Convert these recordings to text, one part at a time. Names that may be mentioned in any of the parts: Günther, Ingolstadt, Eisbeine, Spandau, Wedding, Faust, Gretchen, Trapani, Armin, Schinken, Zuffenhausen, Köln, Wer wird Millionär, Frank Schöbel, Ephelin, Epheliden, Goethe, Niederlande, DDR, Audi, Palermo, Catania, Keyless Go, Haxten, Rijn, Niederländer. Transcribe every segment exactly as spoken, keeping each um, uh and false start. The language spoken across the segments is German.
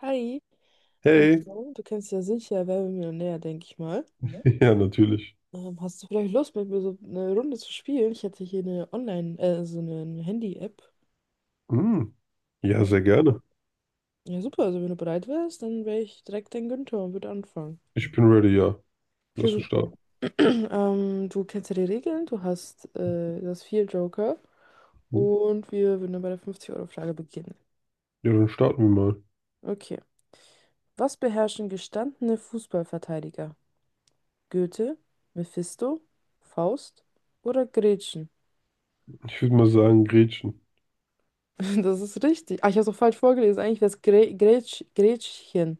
Hi, Hey. Ja. also, du kennst ja sicher Wer wird Millionär, denke ich mal. Ja, natürlich. Ähm, hast du vielleicht Lust, mit mir so eine Runde zu spielen? Ich hätte hier eine Online, äh, so eine Handy-App. Hm. Ja, Ähm, sehr gerne. ja, super, also wenn du bereit wärst, dann wäre ich direkt dein Günther und würde anfangen. Ich bin ready, ja. Okay, Lass uns super. starten. Ähm, du kennst ja die Regeln, du hast, äh, du hast vier Joker Hm. und wir würden dann bei der fünfzig euro frage beginnen. Ja, dann starten wir mal. Okay. Was beherrschen gestandene Fußballverteidiger? Goethe, Mephisto, Faust oder Gretchen? Ich würde mal sagen, Gretchen. Das ist richtig. Ah, ich habe es auch falsch vorgelesen. Eigentlich wäre es Grä Grätsch Gretchen.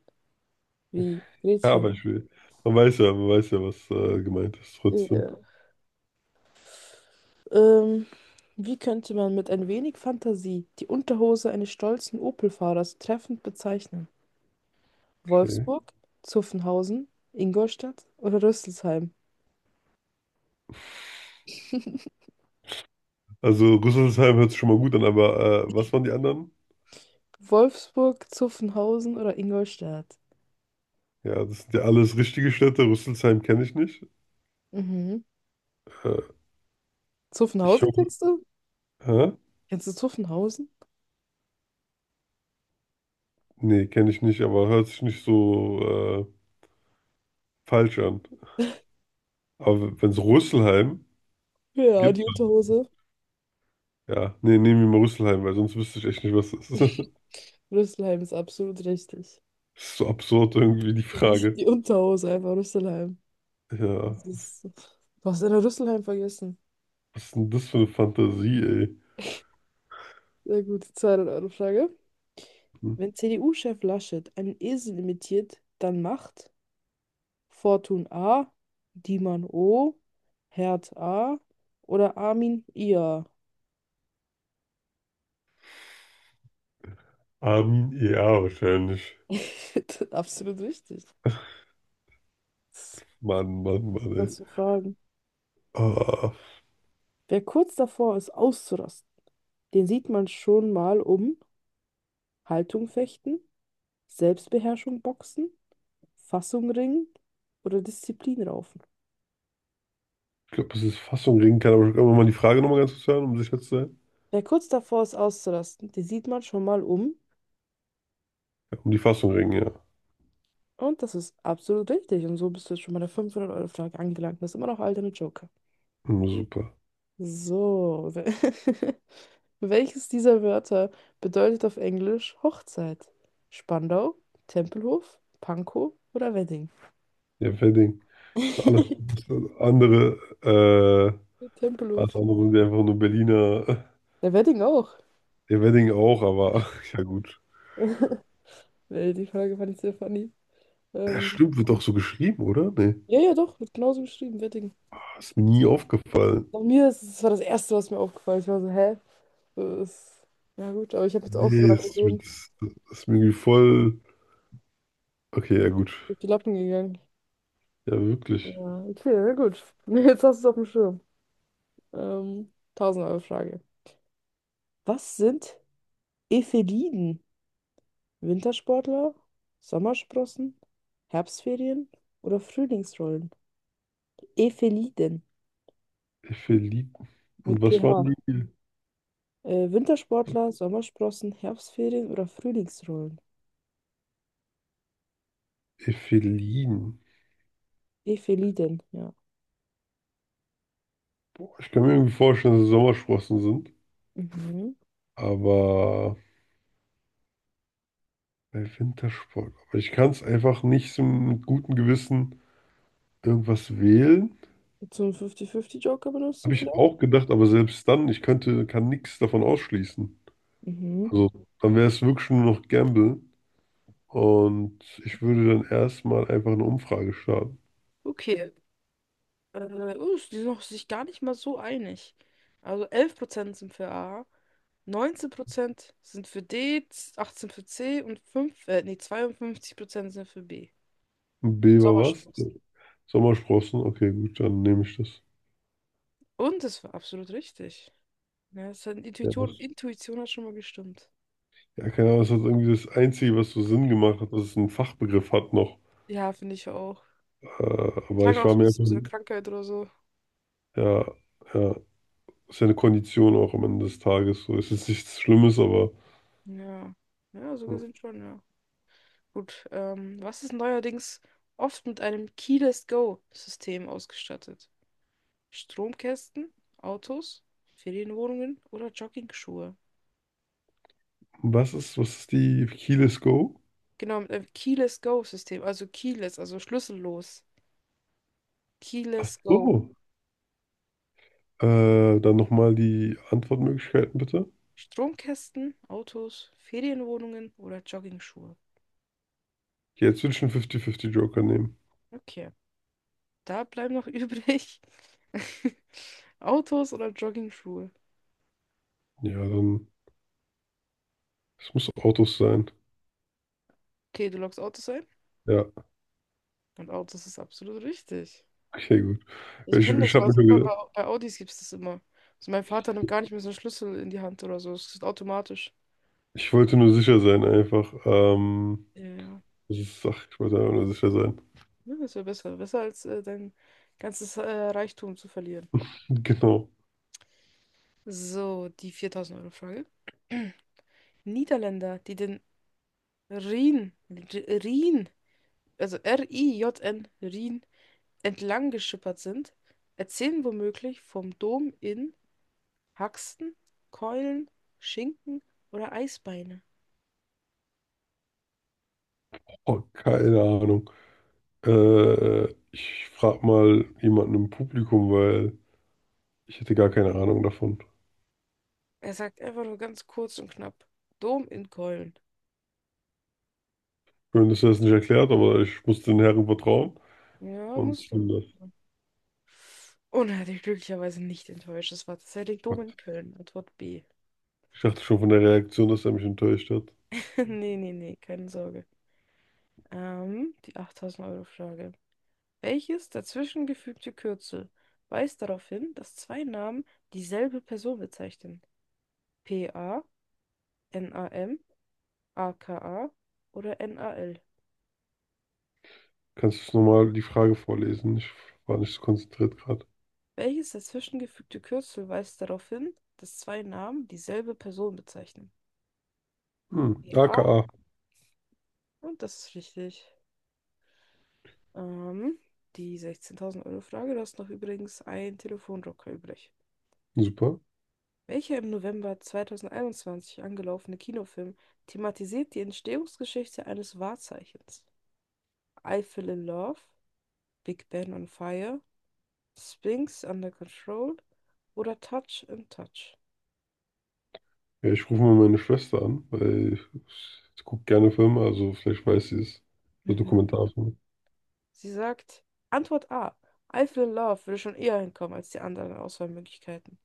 Wie? Ja, aber Gretchen. ich will. Man weiß ja, man weiß ja, was äh, gemeint ist, trotzdem. Ja. Ähm, wie könnte man mit ein wenig Fantasie die Unterhose eines stolzen Opel-Fahrers treffend bezeichnen? Okay. Wolfsburg, Zuffenhausen, Ingolstadt oder Rüsselsheim? Also Rüsselsheim hört sich schon mal gut an, aber äh, was waren die anderen? Wolfsburg, Zuffenhausen oder Ingolstadt? Ja, das sind ja alles richtige Städte. Rüsselsheim kenne ich nicht. Mhm. Äh, ich Zuffenhausen hoffe. kennst du? Hä? Kennst du Zuffenhausen? Nee, kenne ich nicht, aber hört sich nicht so äh, falsch an. Aber wenn es Rüsselsheim Ja, gibt. die Unterhose. Ja, nee, nehmen wir mal Rüsselheim, weil sonst wüsste ich echt nicht, was das ist. Rüsselheim ist absolut richtig. Das ist so absurd irgendwie, die Frage. Die Unterhose, einfach Rüsselheim. Ja, Das ist, du hast Anna Rüsselheim vergessen. was ist denn das für eine Fantasie, ey? Sehr gut, die Euro Frage. Hm. Wenn C D U-Chef Laschet einen Esel imitiert, dann macht Fortun A, Dieman O, Herd A oder Armin I A. Armin, ja, wahrscheinlich. Absolut richtig. Mann, Mann, Mann, ey. Was für Fragen. Ah, Wer kurz davor ist, auszurasten, den sieht man schon mal um Haltung fechten, Selbstbeherrschung boxen, Fassung ringen oder Disziplin raufen. ich glaube, das ist Fassung ringen kann, aber kann man mal die Frage nochmal ganz kurz hören, um sicher zu sein? Wer kurz davor ist auszurasten, den sieht man schon mal um. Ja, um die Fassung ringen, ja. Und das ist absolut richtig. Und so bist du jetzt schon bei der fünfhundert-Euro-Frage angelangt. Das ist immer noch alter Joker. Hm, super. So. we- Welches dieser Wörter bedeutet auf Englisch Hochzeit? Spandau, Tempelhof, Pankow oder Wedding? Ja, Wedding. Das ist alles das ist andere, äh, Tempelhof. alles andere sind ja einfach nur Berliner. Der Wedding auch. Ja, Wedding auch, aber ja gut. Nee, die Frage fand ich sehr funny. Ja, Ähm, stimmt, wird auch so geschrieben, oder? Nee. ja, ja, doch, wird genauso geschrieben, Wedding. Ist mir nie aufgefallen. Bei mir ist es, das war das Erste, was mir aufgefallen ist. Ich war so, hä? So, das ist, ja gut, aber ich habe jetzt auch so Nee, dran ist, gewöhnt, ist, ist mir irgendwie voll. Okay, ja gut. durch die Lappen gegangen. Ja, Ja, wirklich. okay, na gut. Jetzt hast du es auf dem Schirm. Ähm, tausend-Euro-Frage. Was sind Epheliden? Wintersportler, Sommersprossen, Herbstferien oder Frühlingsrollen? Epheliden Ephelin. mit Und was waren P H. die? Äh, Wintersportler, Sommersprossen, Herbstferien oder Frühlingsrollen? Ephelin. Epheliden, ja. Ich kann mir irgendwie vorstellen, dass es Sommersprossen sind. Mhm. Aber bei Wintersport. Aber ich kann es einfach nicht so mit gutem Gewissen irgendwas wählen. Zum fünfzig fünfzig-Joker benutzen Habe ich vielleicht? auch gedacht, aber selbst dann, ich könnte, kann nichts davon ausschließen. Mhm. Also, dann wäre es wirklich nur noch Gamble. Und ich würde dann erstmal einfach eine Umfrage starten. Okay. Äh, oh, die sind noch sich gar nicht mal so einig. Also elf Prozent sind für A, neunzehn Prozent sind für D, achtzehn Prozent für C und fünf, äh, nee, zweiundfünfzig Prozent sind für B. Beber was? Sommersprossen. Sommersprossen? Okay, gut, dann nehme ich das. Und das war absolut richtig. Ja, das hat, Ja, Intuition, das. Intuition hat schon mal gestimmt. Ja, keine Ahnung, das ist irgendwie das Einzige, was so Sinn gemacht hat, dass es einen Fachbegriff hat noch. Ja, finde ich auch. Äh, aber Klang ich auch war so ein mir bisschen einfach, so eine Krankheit oder so. ja, ja, ist ja eine Kondition auch am Ende des Tages. So ist jetzt nichts Schlimmes, aber Ja. Ja, so hm, gesehen schon, ja. Gut, ähm, was ist neuerdings oft mit einem Keyless Go-System ausgestattet? Stromkästen, Autos, Ferienwohnungen oder Joggingschuhe. was ist, was ist die Keyless Go? Genau, mit einem Keyless Go-System, also keyless, also schlüssellos. Keyless Go. Oh, äh, dann nochmal die Antwortmöglichkeiten bitte. Stromkästen, Autos, Ferienwohnungen oder Joggingschuhe. Okay, jetzt würde ich einen fünfzig fünfzig Joker nehmen. Okay, da bleiben noch übrig Autos oder Joggingschuhe. Ja, dann, es muss Autos sein. Okay, du loggst Autos ein Ja, und Autos ist absolut richtig. okay, gut. Ich Ich, kenne ich das, weil habe das mir hat schon man gedacht. bei, bei Audis gibt es das immer. Also mein Vater nimmt gar nicht mehr so einen Schlüssel in die Hand oder so, es ist automatisch. Ich wollte nur sicher sein, einfach. Ähm, Ja. das ist, ach, ich wollte einfach nur sicher sein. Ja, das wäre besser. Besser als äh, dein ganzes äh, Reichtum zu verlieren. Genau. So, die viertausend-Euro-Frage. Niederländer, die den Rhin, R- Rhin, also R-I-J-N, Rhin, entlang geschippert sind, erzählen womöglich vom Dom in Haxten, Keulen, Schinken oder Eisbeine. Oh, keine Ahnung. Äh, ich frage mal jemanden im Publikum, weil ich hätte gar keine Ahnung davon. Er sagt einfach nur ganz kurz und knapp: Dom in Keulen. Schön, dass er es nicht erklärt, aber ich muss den Herren vertrauen. Ja, Und musst ich du. nehme Und er hat dich glücklicherweise nicht enttäuscht. Es war tatsächlich Dom in das. Köln, Antwort B. Ich dachte schon von der Reaktion, dass er mich enttäuscht hat. Nee, nee, nee, keine Sorge. Ähm, die achttausend-Euro-Frage. Welches dazwischengefügte Kürzel weist darauf hin, dass zwei Namen dieselbe Person bezeichnen? P A A N A M A K A oder N A L? Kannst du nochmal die Frage vorlesen? Ich war nicht so konzentriert gerade. Welches dazwischengefügte Kürzel weist darauf hin, dass zwei Namen dieselbe Person bezeichnen? Hm, P A A K A. und das ist richtig. Ähm, die sechzehntausend-Euro-Frage, du hast noch übrigens einen Telefonjoker übrig. Super. Welcher im November zwanzig einundzwanzig angelaufene Kinofilm thematisiert die Entstehungsgeschichte eines Wahrzeichens? I Fell in Love, Big Ben on Fire, Sphinx Under Control oder Touch and Touch? Ja, ich rufe mal meine Schwester an, weil ich, ich gucke gerne Filme, also vielleicht weiß sie es. So Mhm. Dokumentarfilme. Sie sagt, Antwort A. I Fell in Love würde schon eher hinkommen als die anderen Auswahlmöglichkeiten.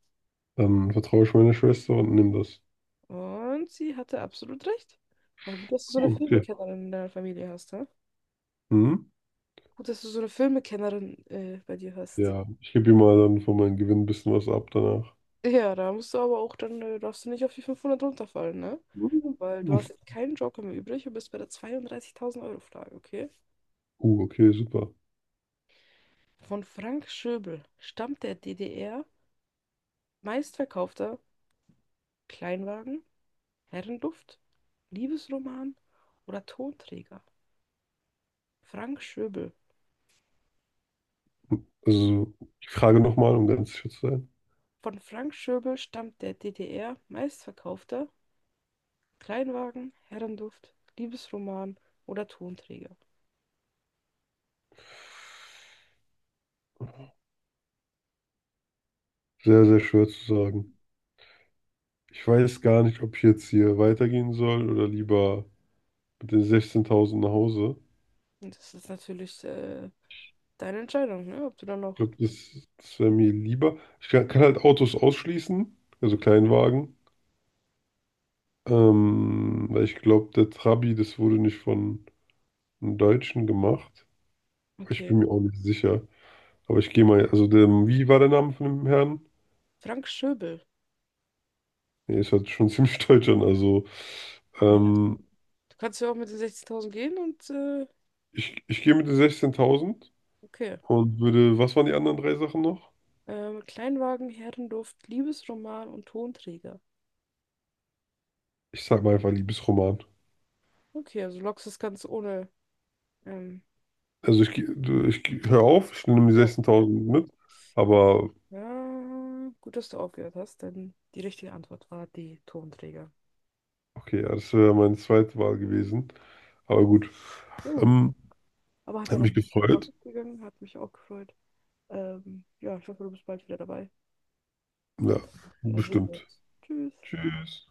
Dann vertraue ich meiner Schwester und nehme das. Und sie hatte absolut recht. War gut, dass du so eine Puh, okay. Filmekennerin in deiner Familie hast, hä? Mhm. Gut, dass du so eine Filmekennerin äh, bei dir hast. Ja, ich gebe ihr mal dann von meinem Gewinn ein bisschen was ab danach. Ja, da musst du aber auch dann, äh, darfst du nicht auf die fünfhundert runterfallen, ne? Mhm. Weil du hast keinen Joker mehr übrig und bist bei der zweiunddreißigtausend Euro Frage, okay? Uh, okay, super. Von Frank Schöbel stammt der D D R meistverkaufter Kleinwagen, Herrenduft, Liebesroman oder Tonträger? Frank Schöbel. Also, ich frage nochmal, um ganz sicher zu sein. Von Frank Schöbel stammt der D D R meistverkaufter Kleinwagen, Herrenduft, Liebesroman oder Tonträger. Sehr, sehr schwer zu sagen. Ich weiß gar nicht, ob ich jetzt hier weitergehen soll oder lieber mit den sechzehntausend nach Hause. Und das ist natürlich äh, deine Entscheidung, ne? Ob du dann Ich noch. glaube, das, das wäre mir lieber. Ich kann, kann halt Autos ausschließen, also Kleinwagen. Ähm, weil ich glaube, der Trabi, das wurde nicht von einem Deutschen gemacht. Aber ich Okay, bin mir auch nicht sicher. Aber ich gehe mal, also der, wie war der Name von dem Herrn? Frank Schöbel. Nee, es hat schon ziemlich deutsch an. Also Naja, ähm, du kannst ja auch mit den sechzehntausend gehen und äh, ich, ich gehe mit den sechzehntausend okay. und würde, was waren die anderen drei Sachen noch? Ähm, Kleinwagen, Herrenduft, Liebesroman und Tonträger. Ich sag mal einfach Liebesroman. Okay, also lockst das ganz ohne. Ähm, Also ich, geh- du- ich geh- hör auf, ich nehme die Ja, ja. sechzehntausend mit. Aber Ja, gut, dass du aufgehört hast, denn die richtige Antwort war die Tonträger. okay, ja, das wäre meine zweite Wahl gewesen. Aber gut. Na gut, Ähm, aber hat ja hat mich noch mal gefreut. gut gegangen, hat mich auch gefreut. Ähm, ja, ich hoffe, du bist bald wieder dabei. Ja, Und ja, sehen wir bestimmt. uns. Tschüss. Tschüss.